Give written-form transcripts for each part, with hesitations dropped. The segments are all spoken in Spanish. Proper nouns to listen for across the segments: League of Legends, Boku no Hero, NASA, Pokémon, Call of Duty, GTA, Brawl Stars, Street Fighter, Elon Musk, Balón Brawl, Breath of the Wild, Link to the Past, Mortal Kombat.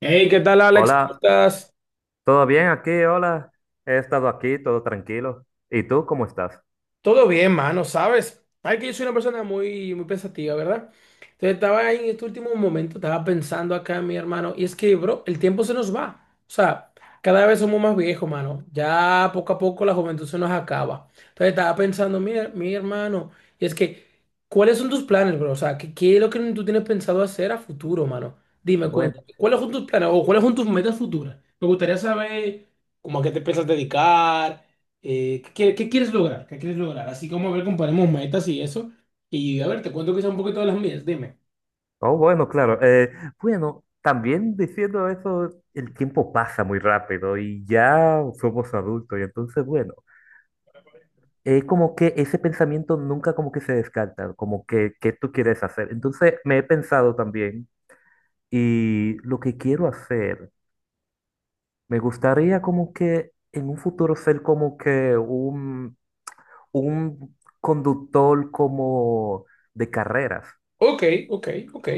Hey, ¿qué tal, Alex? ¿Cómo Hola, estás? ¿todo bien aquí? Hola, he estado aquí, todo tranquilo. ¿Y tú cómo estás? Todo bien, mano, ¿sabes? Ay, que yo soy una persona muy, muy pensativa, ¿verdad? Entonces estaba ahí en este último momento, estaba pensando acá en mi hermano, y es que, bro, el tiempo se nos va. O sea, cada vez somos más viejos, mano. Ya poco a poco la juventud se nos acaba. Entonces estaba pensando, mi hermano, y es que, ¿cuáles son tus planes, bro? O sea, ¿qué es lo que tú tienes pensado hacer a futuro, mano? Dime, Bueno, cuéntame, ¿cuáles son tus planes o cuáles son tus metas futuras? Me gustaría saber cómo a qué te piensas dedicar. Qué quieres lograr? ¿Qué quieres lograr? Así como a ver, comparemos metas y eso. Y a ver, te cuento quizá un poquito de las mías, dime. oh, bueno, claro. Bueno, también diciendo eso, el tiempo pasa muy rápido y ya somos adultos y entonces, bueno, es como que ese pensamiento nunca como que se descarta, como que, ¿qué tú quieres hacer? Entonces, me he pensado también y lo que quiero hacer, me gustaría como que en un futuro ser como que un conductor como de carreras. Ok, ok, ok.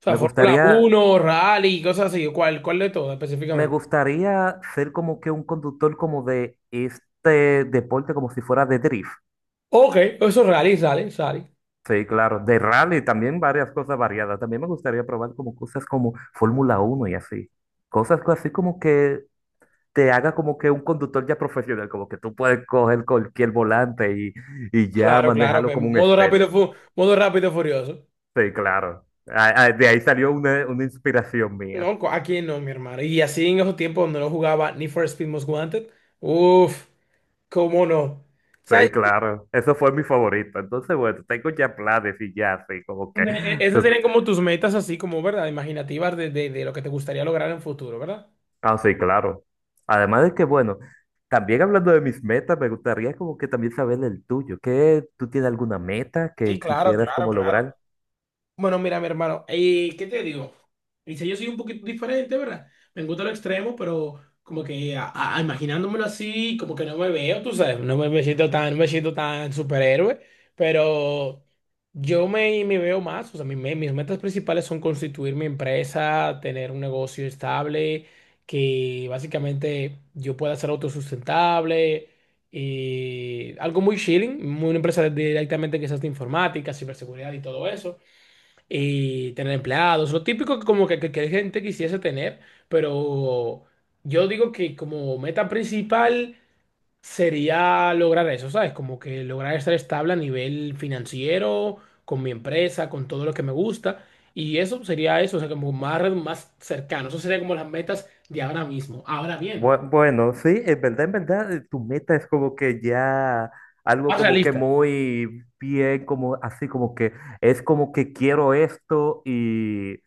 O sea, Me Fórmula gustaría, uno rally, cosas así. ¿Cuál de todo me específicamente? gustaría ser como que un conductor como de este deporte, como si fuera de drift. Ok, eso es rally, sale, sale. Sí, claro, de rally también varias cosas variadas. También me gustaría probar como cosas como Fórmula uno y así. Así como que te haga como que un conductor ya profesional, como que tú puedes coger cualquier volante y ya Claro, claro. manejarlo Pues, como un modo rápido, experto. Modo rápido furioso. Sí, claro. De ahí salió una inspiración mía. No, aquí no, mi hermano. Y así en esos tiempos donde no jugaba ni for Speed Most Wanted. Uf, cómo no. ¿Sabes? Sí, claro, eso fue mi favorito. Entonces, bueno, tengo ya planes y ya, así como que. Esas serían como tus metas así como, ¿verdad? Imaginativas de, de lo que te gustaría lograr en futuro, ¿verdad? Ah, sí, claro. Además de que, bueno, también hablando de mis metas, me gustaría como que también saber el tuyo. ¿Qué, tú tienes alguna meta Sí, que claro, quisieras claro, como claro. lograr? Bueno, mira, mi hermano, ¿y qué te digo? Dice, yo soy un poquito diferente, ¿verdad? Me gusta lo extremo, pero como que imaginándomelo así, como que no me veo, tú sabes, no me, me siento tan, no me siento tan superhéroe, pero me veo más, o sea, mis metas principales son constituir mi empresa, tener un negocio estable, que básicamente yo pueda ser autosustentable. Y algo muy chilling, una empresa directamente quizás de informática, ciberseguridad y todo eso y tener empleados, lo típico que como que gente quisiese tener, pero yo digo que como meta principal sería lograr eso, ¿sabes? Como que lograr estar estable a nivel financiero, con mi empresa, con todo lo que me gusta, y eso sería eso, o sea, como más, más cercano, eso sería como las metas de ahora mismo. Ahora bien, Bueno, sí, en verdad, tu meta es como que ya algo más como que realistas. muy bien, como así como que es como que quiero esto y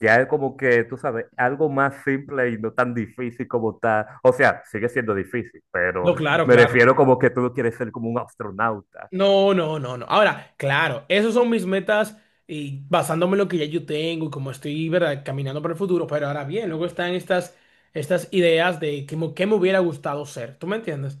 ya es como que, tú sabes, algo más simple y no tan difícil como tal. O sea, sigue siendo difícil, pero No, claro, me claro. refiero como que tú no quieres ser como un astronauta. No, no, no, no. Ahora, claro, esas son mis metas y basándome en lo que ya yo tengo y como estoy, ¿verdad? Caminando para el futuro. Pero ahora bien, luego están estas ideas de que, qué me hubiera gustado ser. ¿Tú me entiendes?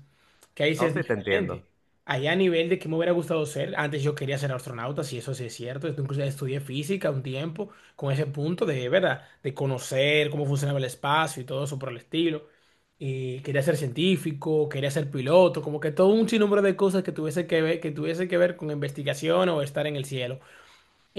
Que ahí sí No es sé si te entiendo. diferente. Ahí a nivel de qué me hubiera gustado ser, antes yo quería ser astronauta, si eso sí es cierto. Esto incluso estudié física un tiempo con ese punto de, ¿verdad? De conocer cómo funcionaba el espacio y todo eso por el estilo y quería ser científico, quería ser piloto, como que todo un sinnúmero de cosas que tuviese que ver, que tuviese que ver con investigación o estar en el cielo.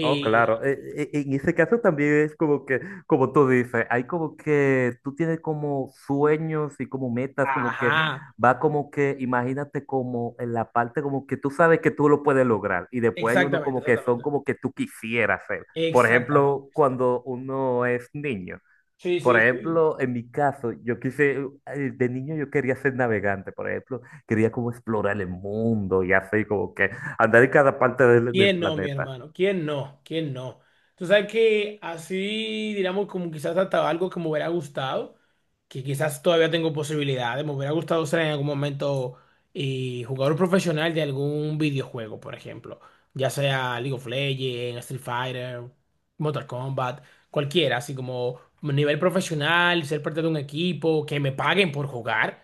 Oh, claro. En ese caso también es como que, como tú dices, hay como que tú tienes como sueños y como metas, como que ajá, va como que, imagínate como en la parte como que tú sabes que tú lo puedes lograr y después hay uno exactamente, como que son exactamente, como que tú quisieras ser. Por exactamente, ejemplo, exactamente. cuando uno es niño. Sí, Por sí, sí. ejemplo, en mi caso, de niño yo quería ser navegante, por ejemplo, quería como explorar el mundo y así como que andar en cada parte del ¿Quién no, mi planeta. hermano? ¿Quién no? ¿Quién no? Tú sabes que así, digamos, como quizás hasta algo que me hubiera gustado, que quizás todavía tengo posibilidades, me hubiera gustado ser en algún momento jugador profesional de algún videojuego, por ejemplo, ya sea League of Legends, Street Fighter, Mortal Kombat, cualquiera, así como nivel profesional, ser parte de un equipo, que me paguen por jugar.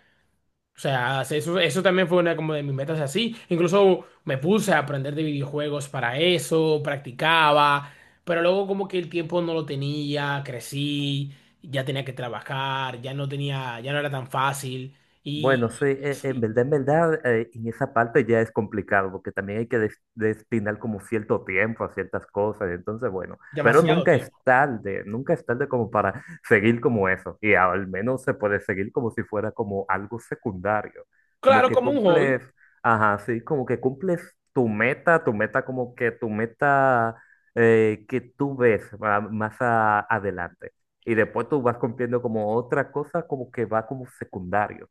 O sea, eso también fue una como de mis metas así. Incluso me puse a aprender de videojuegos para eso, practicaba, pero luego como que el tiempo no lo tenía, crecí, ya tenía que trabajar, ya no tenía, ya no era tan fácil Bueno, y, sí, en y verdad, en esa parte ya es complicado, porque también hay que destinar como cierto tiempo a ciertas cosas, entonces, bueno, pero demasiado nunca es tiempo. tarde, nunca es tarde como para seguir como eso, y al menos se puede seguir como si fuera como algo secundario, como Claro, que como un hobby. cumples, ajá, sí, como que cumples tu meta como que tu meta que tú ves ah, más adelante. Y después tú vas cumpliendo como otra cosa como que va como secundario.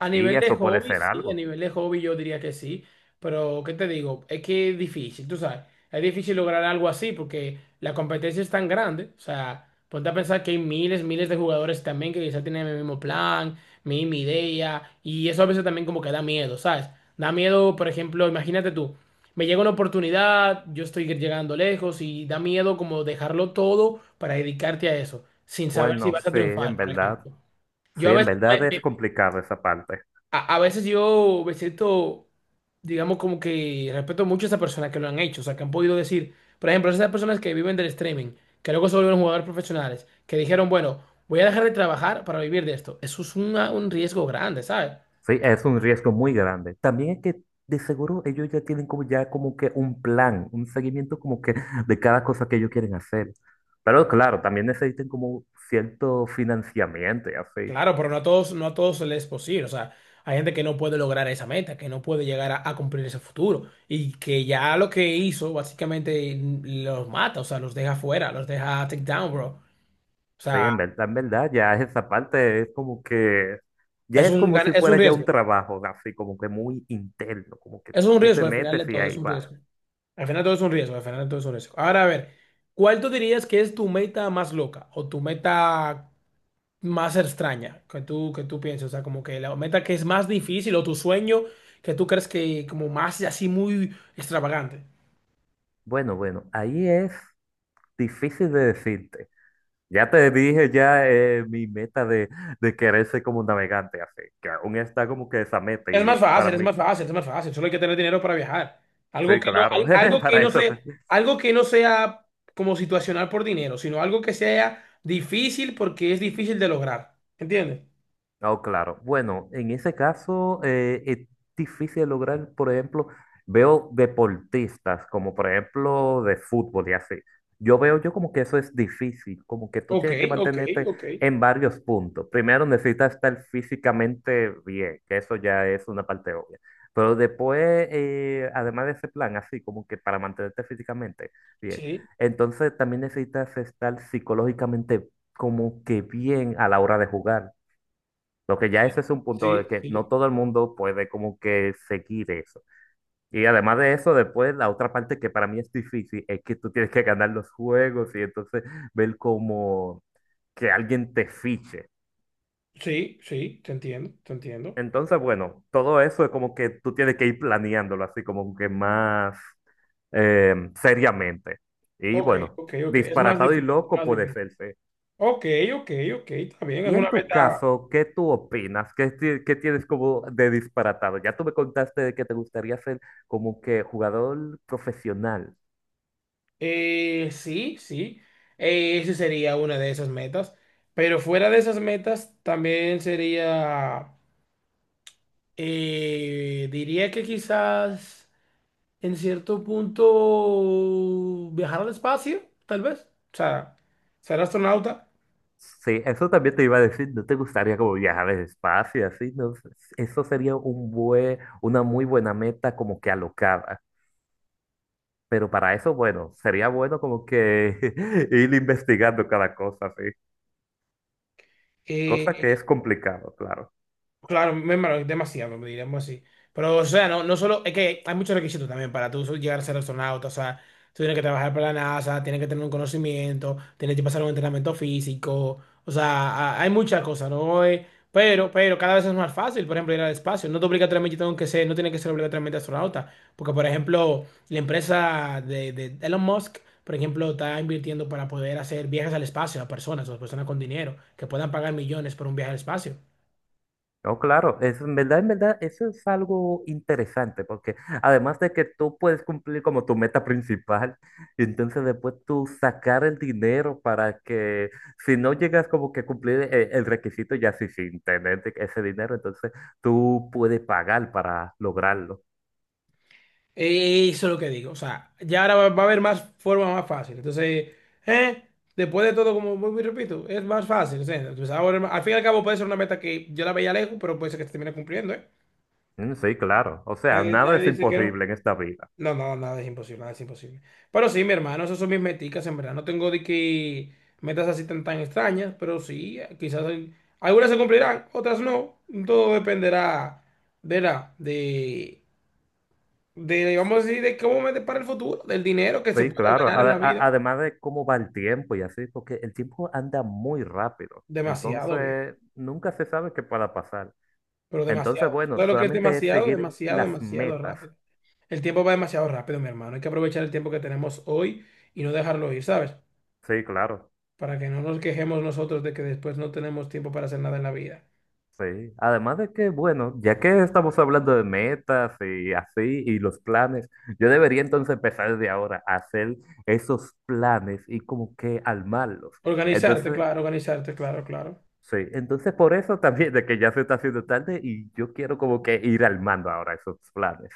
A Y nivel de eso puede hobby, ser sí, a algo. nivel de hobby yo diría que sí, pero ¿qué te digo? Es que es difícil, tú sabes, es difícil lograr algo así porque la competencia es tan grande, o sea, ponte a pensar que hay miles, miles de jugadores también que quizá tienen el mismo plan, misma idea, y eso a veces también como que da miedo, ¿sabes? Da miedo, por ejemplo, imagínate tú, me llega una oportunidad, yo estoy llegando lejos y da miedo como dejarlo todo para dedicarte a eso, sin saber si Bueno, vas a sí, en triunfar, por verdad. ejemplo. Yo Sí, a en veces verdad me, es complicado esa parte. a veces yo me siento, digamos, como que respeto mucho a esas personas que lo han hecho, o sea, que han podido decir, por ejemplo, esas personas que viven del streaming, que luego se volvieron jugadores profesionales, que dijeron, bueno, voy a dejar de trabajar para vivir de esto. Eso es un riesgo grande, ¿sabes? Sí, es un riesgo muy grande. También es que de seguro ellos ya tienen como ya como que un plan, un seguimiento como que de cada cosa que ellos quieren hacer. Pero claro, también necesitan como cierto financiamiento y así. Claro, pero no a todos, no a todos les es posible, o sea, hay gente que no puede lograr esa meta, que no puede llegar a cumplir ese futuro y que ya lo que hizo básicamente los mata, o sea, los deja fuera, los deja take down, bro. O Sí, sea, en verdad, ya esa parte es como que, ya es es como si es fuera un ya un riesgo. trabajo, así como que muy interno, como que Es un tú riesgo, te al final metes de y todo es ahí un vas. riesgo. Al final de todo es un riesgo, al final de todo es un riesgo. Ahora, a ver, ¿cuál tú dirías que es tu meta más loca o tu meta más extraña que que tú pienses? O sea, como que la meta que es más difícil o tu sueño que tú crees que como más así muy extravagante. Bueno, ahí es difícil de decirte. Ya te dije mi meta de querer ser como un navegante, así que aún está como que esa meta Es y más fácil, para es mí, más fácil, es más fácil. Solo hay que tener dinero para viajar. Algo sí, que no, claro, algo que para no eso sea, algo que no sea como situacional por dinero, sino algo que sea difícil porque es difícil de lograr. ¿Entiendes? Oh, claro. Bueno, en ese caso es difícil lograr, por ejemplo, veo deportistas como por ejemplo de fútbol y así. Yo veo yo como que eso es difícil, como que tú Ok, tienes que ok, mantenerte ok. en varios puntos. Primero necesitas estar físicamente bien, que eso ya es una parte obvia. Pero después, además de ese plan, así como que para mantenerte físicamente bien, Sí, entonces también necesitas estar psicológicamente como que bien a la hora de jugar lo que ya ese es un punto de sí, que no sí, todo el mundo puede como que seguir eso. Y además de eso, después la otra parte que para mí es difícil es que tú tienes que ganar los juegos y entonces ver como que alguien te fiche. sí, sí, te entiendo, te entiendo. Entonces, bueno, todo eso es como que tú tienes que ir planeándolo así como que más seriamente. Y Ok, bueno, ok, ok. Es más disparatado y difícil, loco más puede difícil. ser, sí. Ok, ok, ok, está bien, es Y una en tu meta. caso, ¿qué tú opinas? ¿Qué, qué tienes como de disparatado? Ya tú me contaste de que te gustaría ser como que jugador profesional. Sí, sí, esa sería una de esas metas. Pero fuera de esas metas, también sería, diría que quizás en cierto punto viajar al espacio, tal vez. O sea, ser astronauta. Sí, eso también te iba a decir, ¿no te gustaría como viajar al espacio y así? No sé, eso sería un buen, una muy buena meta como que alocada. Pero para eso, bueno, sería bueno como que ir investigando cada cosa, sí. Cosa eh, que es complicado, claro. Claro, me embargo, demasiado, diríamos así. Pero, o sea, no, no solo, es que hay muchos requisitos también para tú llegar a ser astronauta, o sea, tú tienes que trabajar para la NASA, tienes que tener un conocimiento, tienes que pasar un entrenamiento físico, o sea, hay muchas cosas, ¿no? Pero cada vez es más fácil, por ejemplo, ir al espacio. No te obligatoriamente tengo que ser, no tiene que ser obligatoriamente astronauta, porque, por ejemplo, la empresa de Elon Musk, por ejemplo, está invirtiendo para poder hacer viajes al espacio a personas, o personas con dinero, que puedan pagar millones por un viaje al espacio. No, claro, eso en verdad, eso es algo interesante, porque además de que tú puedes cumplir como tu meta principal, y entonces después tú sacar el dinero para que, si no llegas como que a cumplir el requisito, ya sí, sin tener ese dinero, entonces tú puedes pagar para lograrlo. Eso es lo que digo. O sea, ya ahora va a haber más formas más fáciles. Entonces, ¿eh? Después de todo, como vuelvo y repito, es más fácil. O sea, entonces ahora, al fin y al cabo puede ser una meta que yo la veía lejos, pero puede ser que se termine cumpliendo, ¿eh? Mm, sí, claro, o sea, Nadie, nada nadie es dice que no. imposible en esta vida. No, no, nada es imposible, nada es imposible. Pero sí, mi hermano, esas son mis meticas, en verdad. No tengo de que metas así tan, tan extrañas, pero sí, algunas se cumplirán, otras no. Todo dependerá, verá, de, vamos a decir, de cómo me depara el futuro, del dinero que se Sí, puede claro, ganar en la vida. además de cómo va el tiempo y así, porque el tiempo anda muy rápido, Demasiado bien, entonces nunca se sabe qué pueda pasar. pero Entonces, demasiado. bueno, Todo lo que es solamente es demasiado, seguir demasiado, las demasiado metas. rápido. El tiempo va demasiado rápido, mi hermano. Hay que aprovechar el tiempo que tenemos hoy y no dejarlo ir, ¿sabes? Sí, claro. Para que no nos quejemos nosotros de que después no tenemos tiempo para hacer nada en la vida. Sí, además de que, bueno, ya que estamos hablando de metas y así, y los planes, yo debería entonces empezar desde ahora a hacer esos planes y como que armarlos. Entonces, Organizarte, claro, claro. sí, entonces por eso también de que ya se está haciendo tarde y yo quiero como que ir armando ahora esos planes.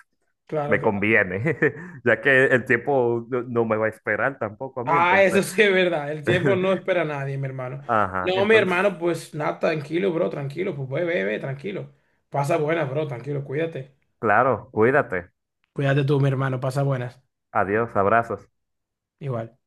Claro, Me claro. conviene, ya que el tiempo no me va a esperar tampoco a mí, Ah, entonces, eso sí es verdad. El tiempo no espera a nadie, mi hermano. ajá, No, mi entonces hermano, pues nada, tranquilo, bro, tranquilo, pues ve, ve, ve, tranquilo. Pasa buena, bro, tranquilo, cuídate. Claro, cuídate. Cuídate tú, mi hermano, pasa buenas. Adiós, abrazos. Igual.